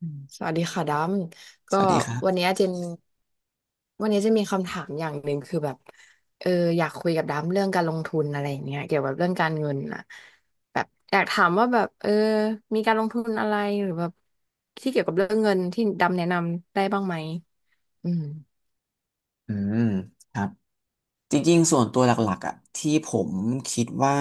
อืมสวัสดีค่ะดำสก็วัสดีครัวันบเนี้ยเจนวันนี้จะมีคำถามอย่างหนึ่งคือแบบเอออยากคุยกับดำเรื่องการลงทุนอะไรอย่างเงี้ยเกี่ยวกับเรื่องการเงินน่ะแบบอยากถามว่าแบบมีการลงทุนอะไรหรือแบบที่เกี่ยวกับเรื่องเงินที่ดำแนะนำได้บ้างไหมอืม อืมครับ จริงๆส่วนตัวหลักๆอ่ะที่ผมคิดว่า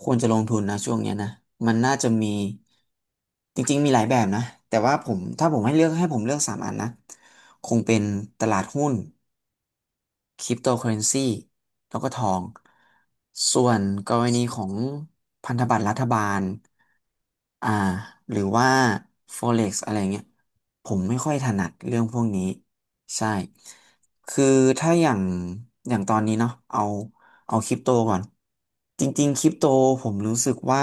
ควรจะลงทุนนะช่วงเนี้ยนะมันน่าจะมีจริงๆมีหลายแบบนะแต่ว่าผมถ้าผมให้เลือกให้ผมเลือกสามอันนะคงเป็นตลาดหุ้น คริปโตเคอเรนซีแล้วก็ทองส่วนกรณีของพันธบัตรรัฐบาลอ่าหรือว่า Forex อะไรเงี้ยผมไม่ค่อยถนัดเรื่องพวกนี้ใช่คือถ้าอย่างตอนนี้เนาะเอาคริปโตก่อนจริงๆคริปโตผมรู้สึกว่า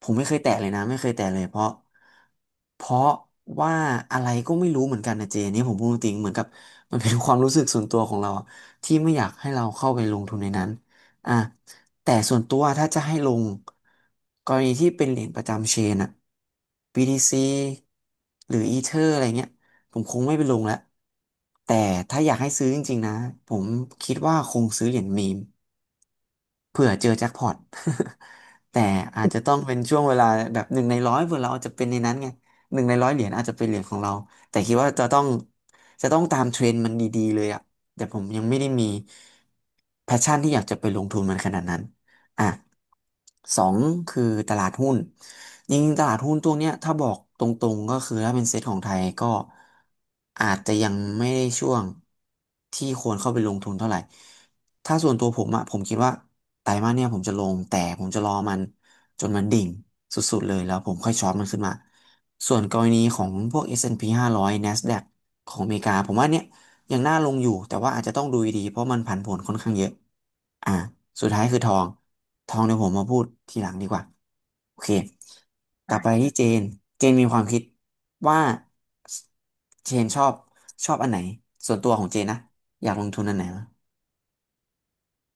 ผมไม่เคยแตะเลยนะไม่เคยแตะเลยเพราะว่าอะไรก็ไม่รู้เหมือนกันนะเจนี่ผมพูดจริงเหมือนกับมันเป็นความรู้สึกส่วนตัวของเราอะที่ไม่อยากให้เราเข้าไปลงทุนในนั้นอ่ะแต่ส่วนตัวถ้าจะให้ลงกรณีที่เป็นเหรียญประจำเชนอะ BTC หรือ Ether อะไรเงี้ยผมคงไม่ไปลงแล้วแต่ถ้าอยากให้ซื้อจริงๆนะผมคิดว่าคงซื้อเหรียญมีม เผื่อเจอแจ็คพอต แต่อาจจะต้องเป็นช่วงเวลาแบบหนึ่งในร้อยเผื่อเราอาจจะเป็นในนั้นไงหนึ่งในร้อยเหรียญอาจจะเป็นเหรียญของเราแต่คิดว่าจะต้องตามเทรนด์มันดีๆเลยอะแต่ผมยังไม่ได้มีแพชชั่นที่อยากจะไปลงทุนมันขนาดนั้น อ่ะสองคือตลาดหุ้นจริงๆตลาดหุ้นตัวเนี้ยถ้าบอกตรงๆก็คือถ้าเป็นเซ็ตของไทยก็อาจจะยังไม่ได้ช่วงที่ควรเข้าไปลงทุนเท่าไหร่ถ้าส่วนตัวผมอะผมคิดว่าไตรมาสเนี่ยผมจะลงแต่ผมจะรอมันจนมันดิ่งสุดๆเลยแล้วผมค่อยช็อตมันขึ้นมาส่วนกรณีของพวก S&P 500 NASDAQ ของอเมริกาผมว่าเนี่ยยังน่าลงอยู่แต่ว่าอาจจะต้องดูดีๆเพราะมันผันผวนค่อนข้างเยอะ อ่าสุดท้ายคือทองทองเดี๋ยวผมมาพูดทีหลังดีกว่าโอเคกลับไปที่เจนเจนมีความคิดว่าเจนชอบอันไหนส่วนตัวของเจนนะอยากลงทุนอันไหนวะ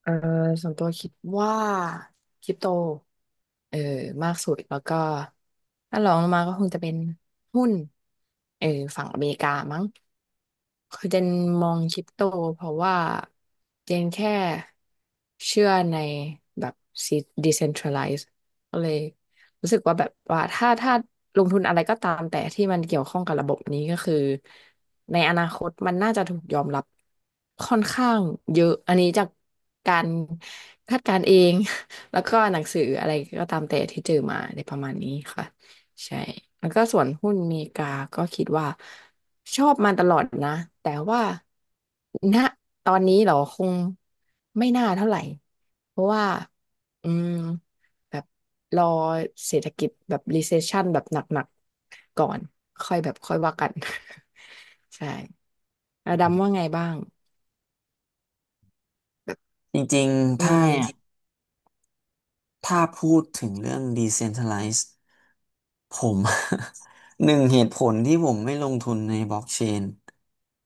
เออส่วนตัวคิดว่าคริปโตเออมากสุดแล้วก็ถ้ารองลงมาก็คงจะเป็นหุ้นเออฝั่งอเมริกามั้งคือเจนมองคริปโตเพราะว่าเจนแค่เชื่อในแบบ decentralized ก็เลย รู้สึกว่าแบบว่าถ้าลงทุนอะไรก็ตามแต่ที่มันเกี่ยวข้องกับระบบนี้ก็คือในอนาคตมันน่าจะถูกยอมรับค่อนข้างเยอะอันนี้จากการคาดการณ์เอง แล้วก็หนังสืออะไรก็ตามแต่ที่เจอมาในประมาณนี้ค่ะใช่แล้วก็ส่วนหุ้นอเมริกาก็คิดว่าชอบมาตลอดนะแต่ว่าณตอนนี้เหรอคงไม่น่าเท่าไหร่เพราะว่าอืมแบบ รอเศรษฐกิจแบบ recession แบบหนักๆก่อนค่อยแบบค่อยว่ากัน ใช่แล้วดำว่าไงบ้างจริงๆอืถ้ามถ้าพูดถึงเรื่อง decentralized ผม หนึ่งเหตุผลที่ผมไม่ลงทุนในบล็อกเชน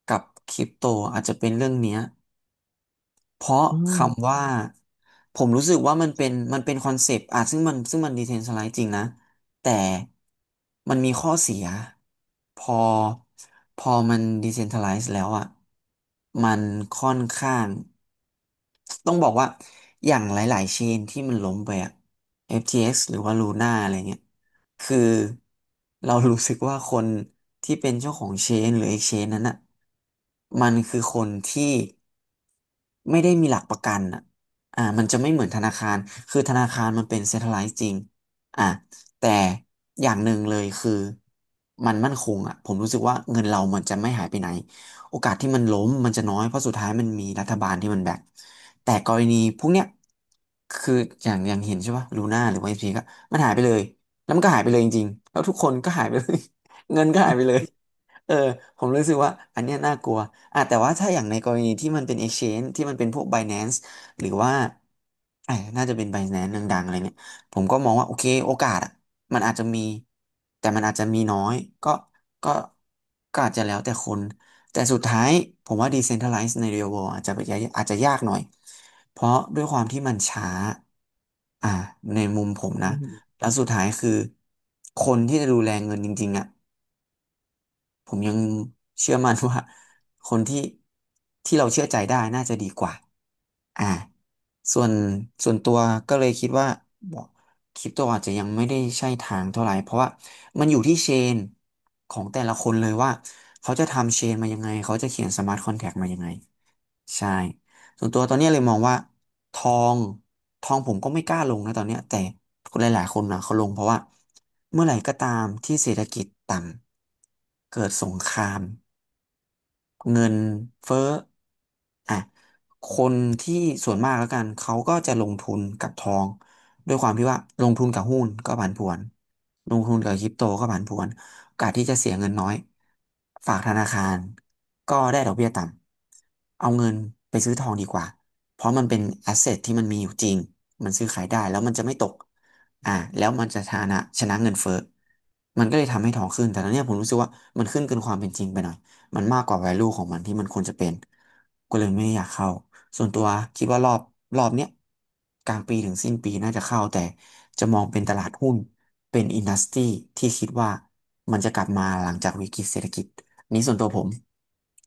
กับคริปโตอาจจะเป็นเรื่องเนี้ย เพราะอืมคำว่าผมรู้สึกว่ามันเป็นคอนเซปต์อ่ะซึ่งมันดีเทนสไลด์จริงนะแต่มันมีข้อเสียพอพอมันดีเซนท r ัลไลซ์แล้วอ่ะมันค่อนข้างต้องบอกว่าอย่างหลายๆเชนที่มันล้มไปอ่ะ FTX หรือว่า Luna อะไรเงี้ย คือเรารู้สึกว่าคนที่เป็นเจ้าของเชนหรือเอกเชนนั้นอ่ะมันคือคนที่ไม่ได้มีหลักประกันอ่ะอ่ามันจะไม่เหมือนธนาคารคือธนาคารมันเป็นเซ็นทรัลไลซ์จริงอ่าแต่อย่างหนึ่งเลยคือมันมั่นคงอ่ะผมรู้สึกว่าเงินเรามันจะไม่หายไปไหน โอกาสที่มันล้มมันจะน้อยเพราะสุดท้ายมันมีรัฐบาลที่มันแบกแต่กรณีพวกเนี้ยคืออย่างเห็นใช่ป่ะลูน่าหรือว่าเอฟซีก็มันหายไปเลย แล้วมันก็หายไปเลยจริงๆแล้วทุกคนก็หายไปเลย เงินก็หาอืยมไปเลยเออผมรู้สึกว่าอันเนี้ยน่ากลัวอ่ะแต่ว่าถ้าอย่างในกรณีที่มันเป็น exchange ที่มันเป็นพวก Binance หรือว่าไอ้น่าจะเป็น Binance ดังๆอะไรเงี้ยผมก็มองว่าโอเคโอกาสอ่ะมันอาจจะมีแต่มันอาจจะมีน้อยก็ก็ก็อาจจะแล้วแต่คนแต่สุดท้ายผมว่า decentralized ใน real world อาจจะยากหน่อยเพราะด้วยความที่มันช้าอ่าในมุมผมอืนะ มแล้วสุดท้ายคือคนที่จะดูแลเงินจริงๆอ่ะผมยังเชื่อมั่นว่า คนที่เราเชื่อใจได้น่าจะดีกว่าอ่าส่วนส่วนตัวก็เลยคิดว่าบอกคริปโตอาจจะยังไม่ได้ใช่ทางเท่าไหร่เพราะว่ามันอยู่ที่เชนของแต่ละคนเลยว่าเขาจะทำเชนมายังไงเขาจะเขียนสมาร์ทคอนแท็กมายังไง ใช่ส่วนตัวตอนเนี้ยเลยมองว่าทองทองผมก็ไม่กล้าลงนะตอนเนี้ยแต่คนหลายๆคนนะเขาลงเพราะว่าเมื่อไหร่ก็ตามที่เศรษฐกิจต่ำเกิดสงคราม เงินเฟ้ออ่ะคนที่ส่วนมากแล้วกันเขาก็จะลงทุนกับทองด้วยความที่ว่าลงทุนกับหุ้นก็ผันผวนลงทุนกับคริปโตก็ผันผวนโอกาสที่จะเสียเงินน้อยฝากธนาคารก็ได้ดอกเบี้ยต่ำเอาเงินไปซื้อทองดีกว่าเพราะมันเป็นแอสเซทที่มันมีอยู่จริงมันซื้อขายได้แล้วมันจะไม่ตกอ่าแล้วมันจะชนะเงินเฟ้อมันก็เลยทำให้ทองขึ้นแต่ตอนเนี้ยผมรู้สึกว่ามันขึ้นเกินความเป็นจริงไปหน่อย มันมากกว่า value ของมันที่มันควรจะเป็นก็เลยไม่ไอยากเข้าส่วนตัวคิดว่ารอบเนี้ยกลางปีถึงสิ้นปีน่าจะเข้าแต่จะมองเป็นตลาดหุ้นเป็นอินดัสทรีที่คิดว่ามันจะกลับมาหลังจากวิกฤตเศรษฐกิจอันนี้ส่วนตัวผม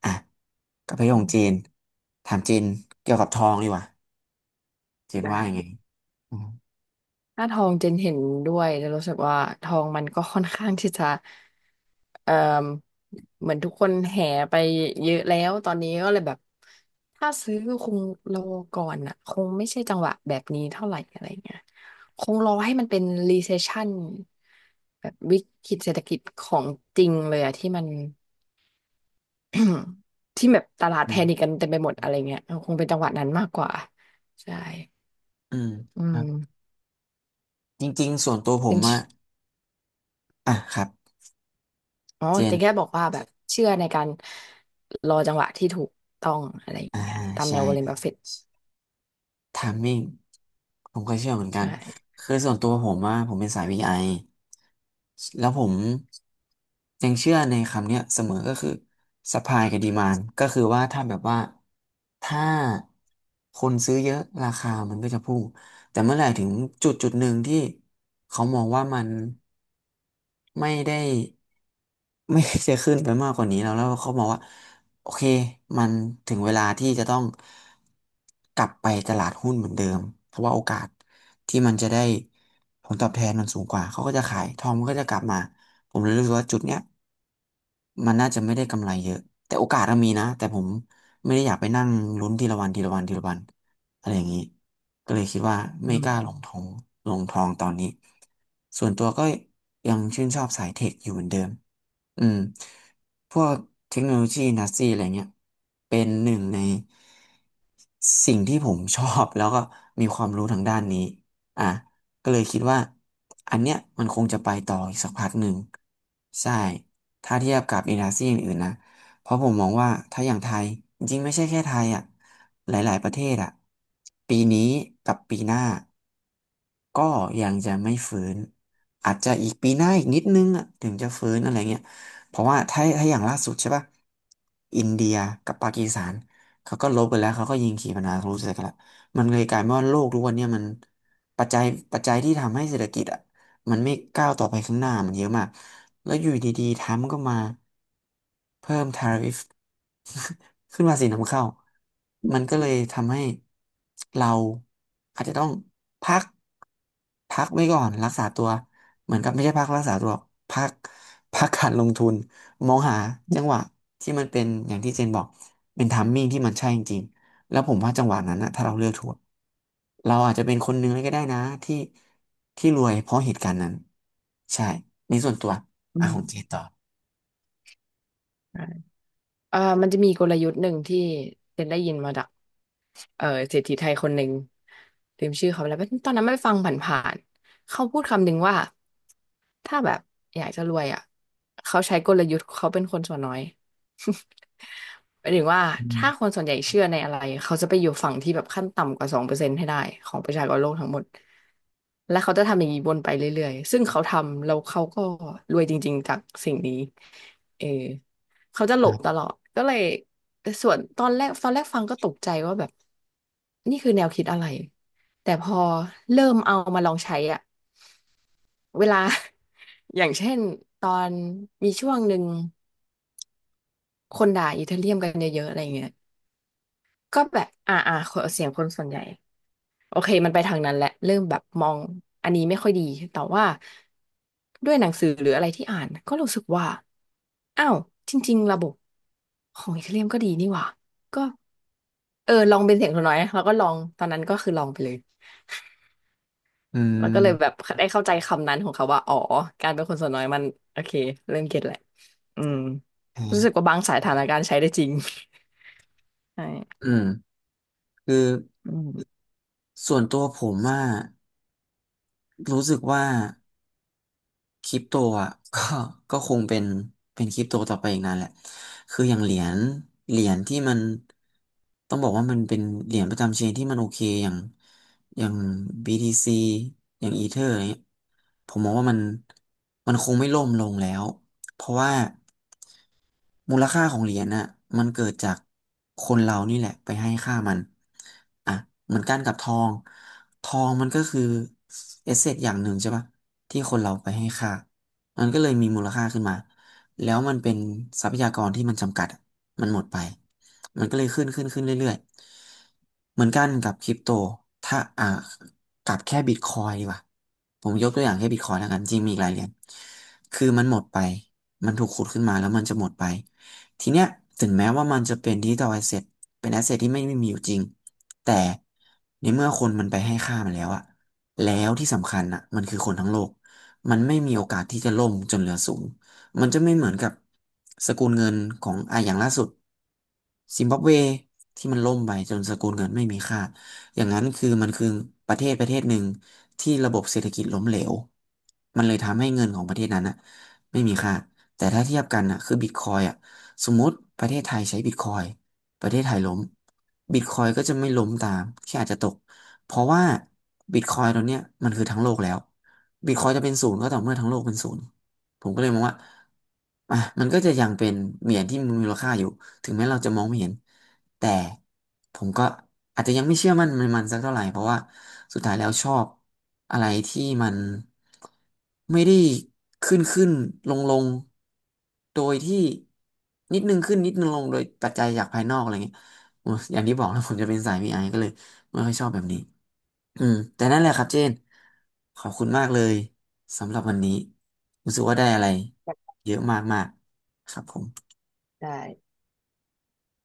อ่ะกับพี่ของอืมเจนถามเจนเกี่ยวกับทองดีกว่าเจนได้ ว่ายังไงอืมหน้าทองเจนเห็นด้วยจะรู้สึกว่าทองมันก็ค่อนข้างที่จะเอ่อเหมือนทุกคนแห่ไปเยอะแล้วตอนนี้ก็เลยแบบถ้าซื้อคงรอก่อนอ่ะคงไม่ใช่จังหวะแบบนี้เท่าไหร่อะไรเงี้ยคงรอให้มันเป็น recession แบบวิกฤตเศรษฐกิจของจริงเลยอะที่มัน ที่แบบตลาดอืแพนิคกัมนเต็มไปหมดอะไรเงี้ยคงเป็นจังหวะนั้นมากกว่าใช่อืมอืครับม จริงๆส่วนตัวผมอะครับอ๋อเจนแต่แค่บอกว่าแบบเชื่อในการรอจังหวะที่ถูกต้องอะไรออ่าย่างเงี้ยตามแนใช่ ววอร์เรนบัฟเฟตไทมิ่งผมก็เชื่อเหมือนกัใช่น คือส่วนตัวผมว่าผมเป็นสายวีไ i แล้วผมยังเชื่อในคำเนี้ยเสมอก็คือ supply กับ demand ก็คือว่าถ้าแบบว่าถ้าคนซื้อเยอะราคามันก็จะพุ่ง แต่เมื่อไหร่ถึงจุดหนึ่งที่เขามองว่ามันไม่ได้ ไม่จะขึ้นไปมากกว่านี้แล้วเขามองว่าโอเคมันถึงเวลาที่จะต้องกลับไปตลาดหุ้นเหมือนเดิมเพราะว่าโอกาสที่มันจะได้ผลตอบแทนมันสูงกว่าเขาก็จะขายทองมันก็จะกลับมาผมเลยรู้สึกว่าจุดเนี้ยมันน่าจะไม่ได้กำไรเยอะแต่โอกาสมันมีนะแต่ผมไม่ได้อยากไปนั่งลุ้นทีละวันทีละวันทีละวัน อะไรอย่างนี้ก็เลยคิดว่าอืไม่กล้าลมงทองลงทองตอนนี้ ส่วนตัวก็ยังชื่นชอบสายเทคอยู่เหมือนเดิม อืม พวกเทคโนโลยีนัสซีอะไรเงี้ยเป็นหนึ่งในสิ่งที่ผมชอบแล้วก็มีความรู้ทางด้านนี้อ่ะ ก็เลยคิดว่าอันเนี้ยมันคงจะไปต่ออีกสักพักหนึ่งใช่ ถ้าเทียบกับอินดัสทรีอื่นๆนะ เพราะผมมองว่าถ้าอย่างไทยจริงๆไม่ใช่แค่ไทยหลายๆประเทศปีนี้กับปีหน้าก็ยังจะไม่ฟื้นอาจจะอีกปีหน้าอีกนิดนึงถึงจะฟื้นอะไรเงี้ย เพราะว่าถ้าอย่างล่าสุดใช่ป่ะอินเดียกับปากีสถานเขาก็ลบกันแล้วเขาก็ยิงขีปนาวุธใส่กันละมันเลยกลายเป็นว่าโลกทุกวันเนี่ยมันปัจจัยปัจจัยที่ทำให้เศรษฐกิจอะ มันไม่ก้าวต่อไปข้างหน้ามันเยอะมาก แล้วอยู่ดีๆไทยมันก็มาเพิ่มทาริฟ ขึ้นภาษีนำเข้า มันก็เลยทำให้เราอาจจะต้องพักพักไว้ก่อนรักษาตัว เหมือนกับไม่ใช่พักรักษาตัวหรอกพักพักการลงทุนมองหาจังหวะที่มันเป็นอย่างที่เจนบอกเป็นทัมมิ่งที่มันใช่จริง แล้วผมว่าจังหวะนั้นนะถ้าเราเลือกถูกเราอาจจะเป็นคนหนึ่งเลยก็ได้นะที่ที่รวยเพราะเหตุการณ์นั้นใช่ในี่ส่วนตัวอืของเจมต่อใช่มันจะมีกลยุทธ์หนึ่งที่เจนได้ยินมาจาก เศรษฐีไทยคนหนึ่งลืมชื่อเขาไปแล้วตอนนั้นไม่ฟังผ่านๆเขาพูดคำหนึ่งว่าถ้าแบบอยากจะรวยอ่ะเขาใช้กลยุทธ์เขาเป็นคนส่วนน้อย หมายถึงว่าอืถ้าคมนส่วนใหญ่เชื่อในอะไรเขาจะไปอยู่ฝั่งที่แบบขั้นต่ำกว่า2%ให้ได้ของประชากรโลกทั้งหมดและเขาจะทำอย่างนี้วนไปเรื่อยๆซึ่งเขาทำแล้วเขาก็รวยจริงๆจากสิ่งนี้เออ เขาจะหลคบรัตลบอด ก็เลยแต่ส่วนตอนแรกฟังก็ตกใจว่าแบบนี่คือแนวคิดอะไร แต่พอเริ่มเอามาลองใช้อะเวลา อย่างเช่นตอนมีช่วงหนึ่งคนด่าอิตาเรียมกันเยอะๆอะไรเงี้ยก็แบบเสียงคนส่วนใหญ่ โอเคมันไปทางนั้นแหละเริ่มแบบมองอันนี้ไม่ค่อยดีแต่ว่าด้วยหนังสือหรืออะไรที่อ่านก็รู้สึกว่าอ้าวจริงๆระบบของอีเธอเรียมก็ดีนี่หว่าก็เออลองเป็นเสียงตัวน้อยนะแล้วก็ลองตอนนั้นก็คือลองไปเลยอืแล้วก็เลยแบบมได้เข้าใจคำนั้นของเขาว่าอ๋อการเป็นคนส่วนน้อยมันโอเคเริ่มเก็ตแหละอืมอ่ารู้สึกว่าบางสายฐานการณ์ใช้ได้จริง ใช่อืมคืออืมส่วนตัวผมอะรู้สึกว่า คริปโตอ่ะ ก็ก็คงเป็นคริปโตต่อไปอีกนานแหละคืออย่างเหรียญที่มันต้องบอกว่ามันเป็นเหรียญประจำเชนที่มันโอเคอย่าง BTC อย่างอีเธอร์อะไรเงี้ยผมมองว่ามันคงไม่ล่มลงแล้ว เพราะว่ามูลค่าของเหรียญน่ะมันเกิดจากคนเรานี่แหละไปให้ค่ามันอ่ะเหมือนกันกับทองทองมันก็คือเอเซทอย่างหนึ่งใช่ปะที่คนเราไปให้ค่ามันก็เลยมีมูลค่าขึ้นมาแล้วมันเป็นทรัพยากรที่มันจำกัดอะมันหมดไปมันก็เลยขึ้นเรื่อยๆเหมือนกันกับคริปโตถ้ากับแค่บิตคอยดีกว่าผมยกตัวอย่างแค่บิตคอยแล้วกันจริงมีอีกหลายเหรียญคือมันหมดไป มันถูกขุดขึ้นมาแล้วมันจะหมดไป ทีเนี้ยถึงแม้ว่ามันจะเป็นดิจิทัลแอสเซทเป็นแอสเซทที่ไม่ไมมีอยู่จริงแต่ในเมื่อคนมันไปให้ค่ามันแล้วอะแล้วที่สำคัญอะมันคือคนทั้งโลกมันไม่มีโอกาสที่จะล่มจนเหลือศูนย์มันจะไม่เหมือนกับสกุลเงินของอย่างล่าสุดซิมบับเวที่มันล่มไปจนสกุลเงินไม่มีค่าอย่างนั้นคือมันคือประเทศหนึ่งที่ระบบเศรษฐกิจล้มเหลวมันเลยทำให้เงินของประเทศนั้นอะไม่มีค่า แต่ถ้าเทียบกันน่ะคือบิตคอยสมมติประเทศไทยใช้บิตคอยประเทศไทยล้มบิตคอยก็จะไม่ล้มตามแค่อาจจะตกเพราะว่าบิตคอยตัวเนี้ยมันคือทั้งโลกแล้วบิตคอยจะเป็นศูนย์ก็ต่อเมื่อทั้งโลกเป็นศูนย์ผมก็เลยมองว่ามันก็จะยังเป็นเหรียญที่มีมูลค่าอยู่ถึงแม้เราจะมองไม่เห็นแต่ผมก็ อาจจะยังไม่เชื่อมั่นมันสักเท่าไหร่เพราะว่าสุดท้ายแล้วชอบอะไรที่มันไม่ได้ขึ้นขึ้นลงลงโดยที่นิดนึงขึ้นนิดนึงลงโดยปัจจัยจากภายนอกอะไรเงี้ยโอ้ยอย่างที่บอกแล้วผมจะเป็นสาย VI ก็เลยไม่ค่อยชอบแบบนี้อืมแต่นั่นแหละครับเจนขอบคุณมากเลยสำหรับวันนี้รู้สึกว่าได้อะไรเยอะมากๆครับผมได้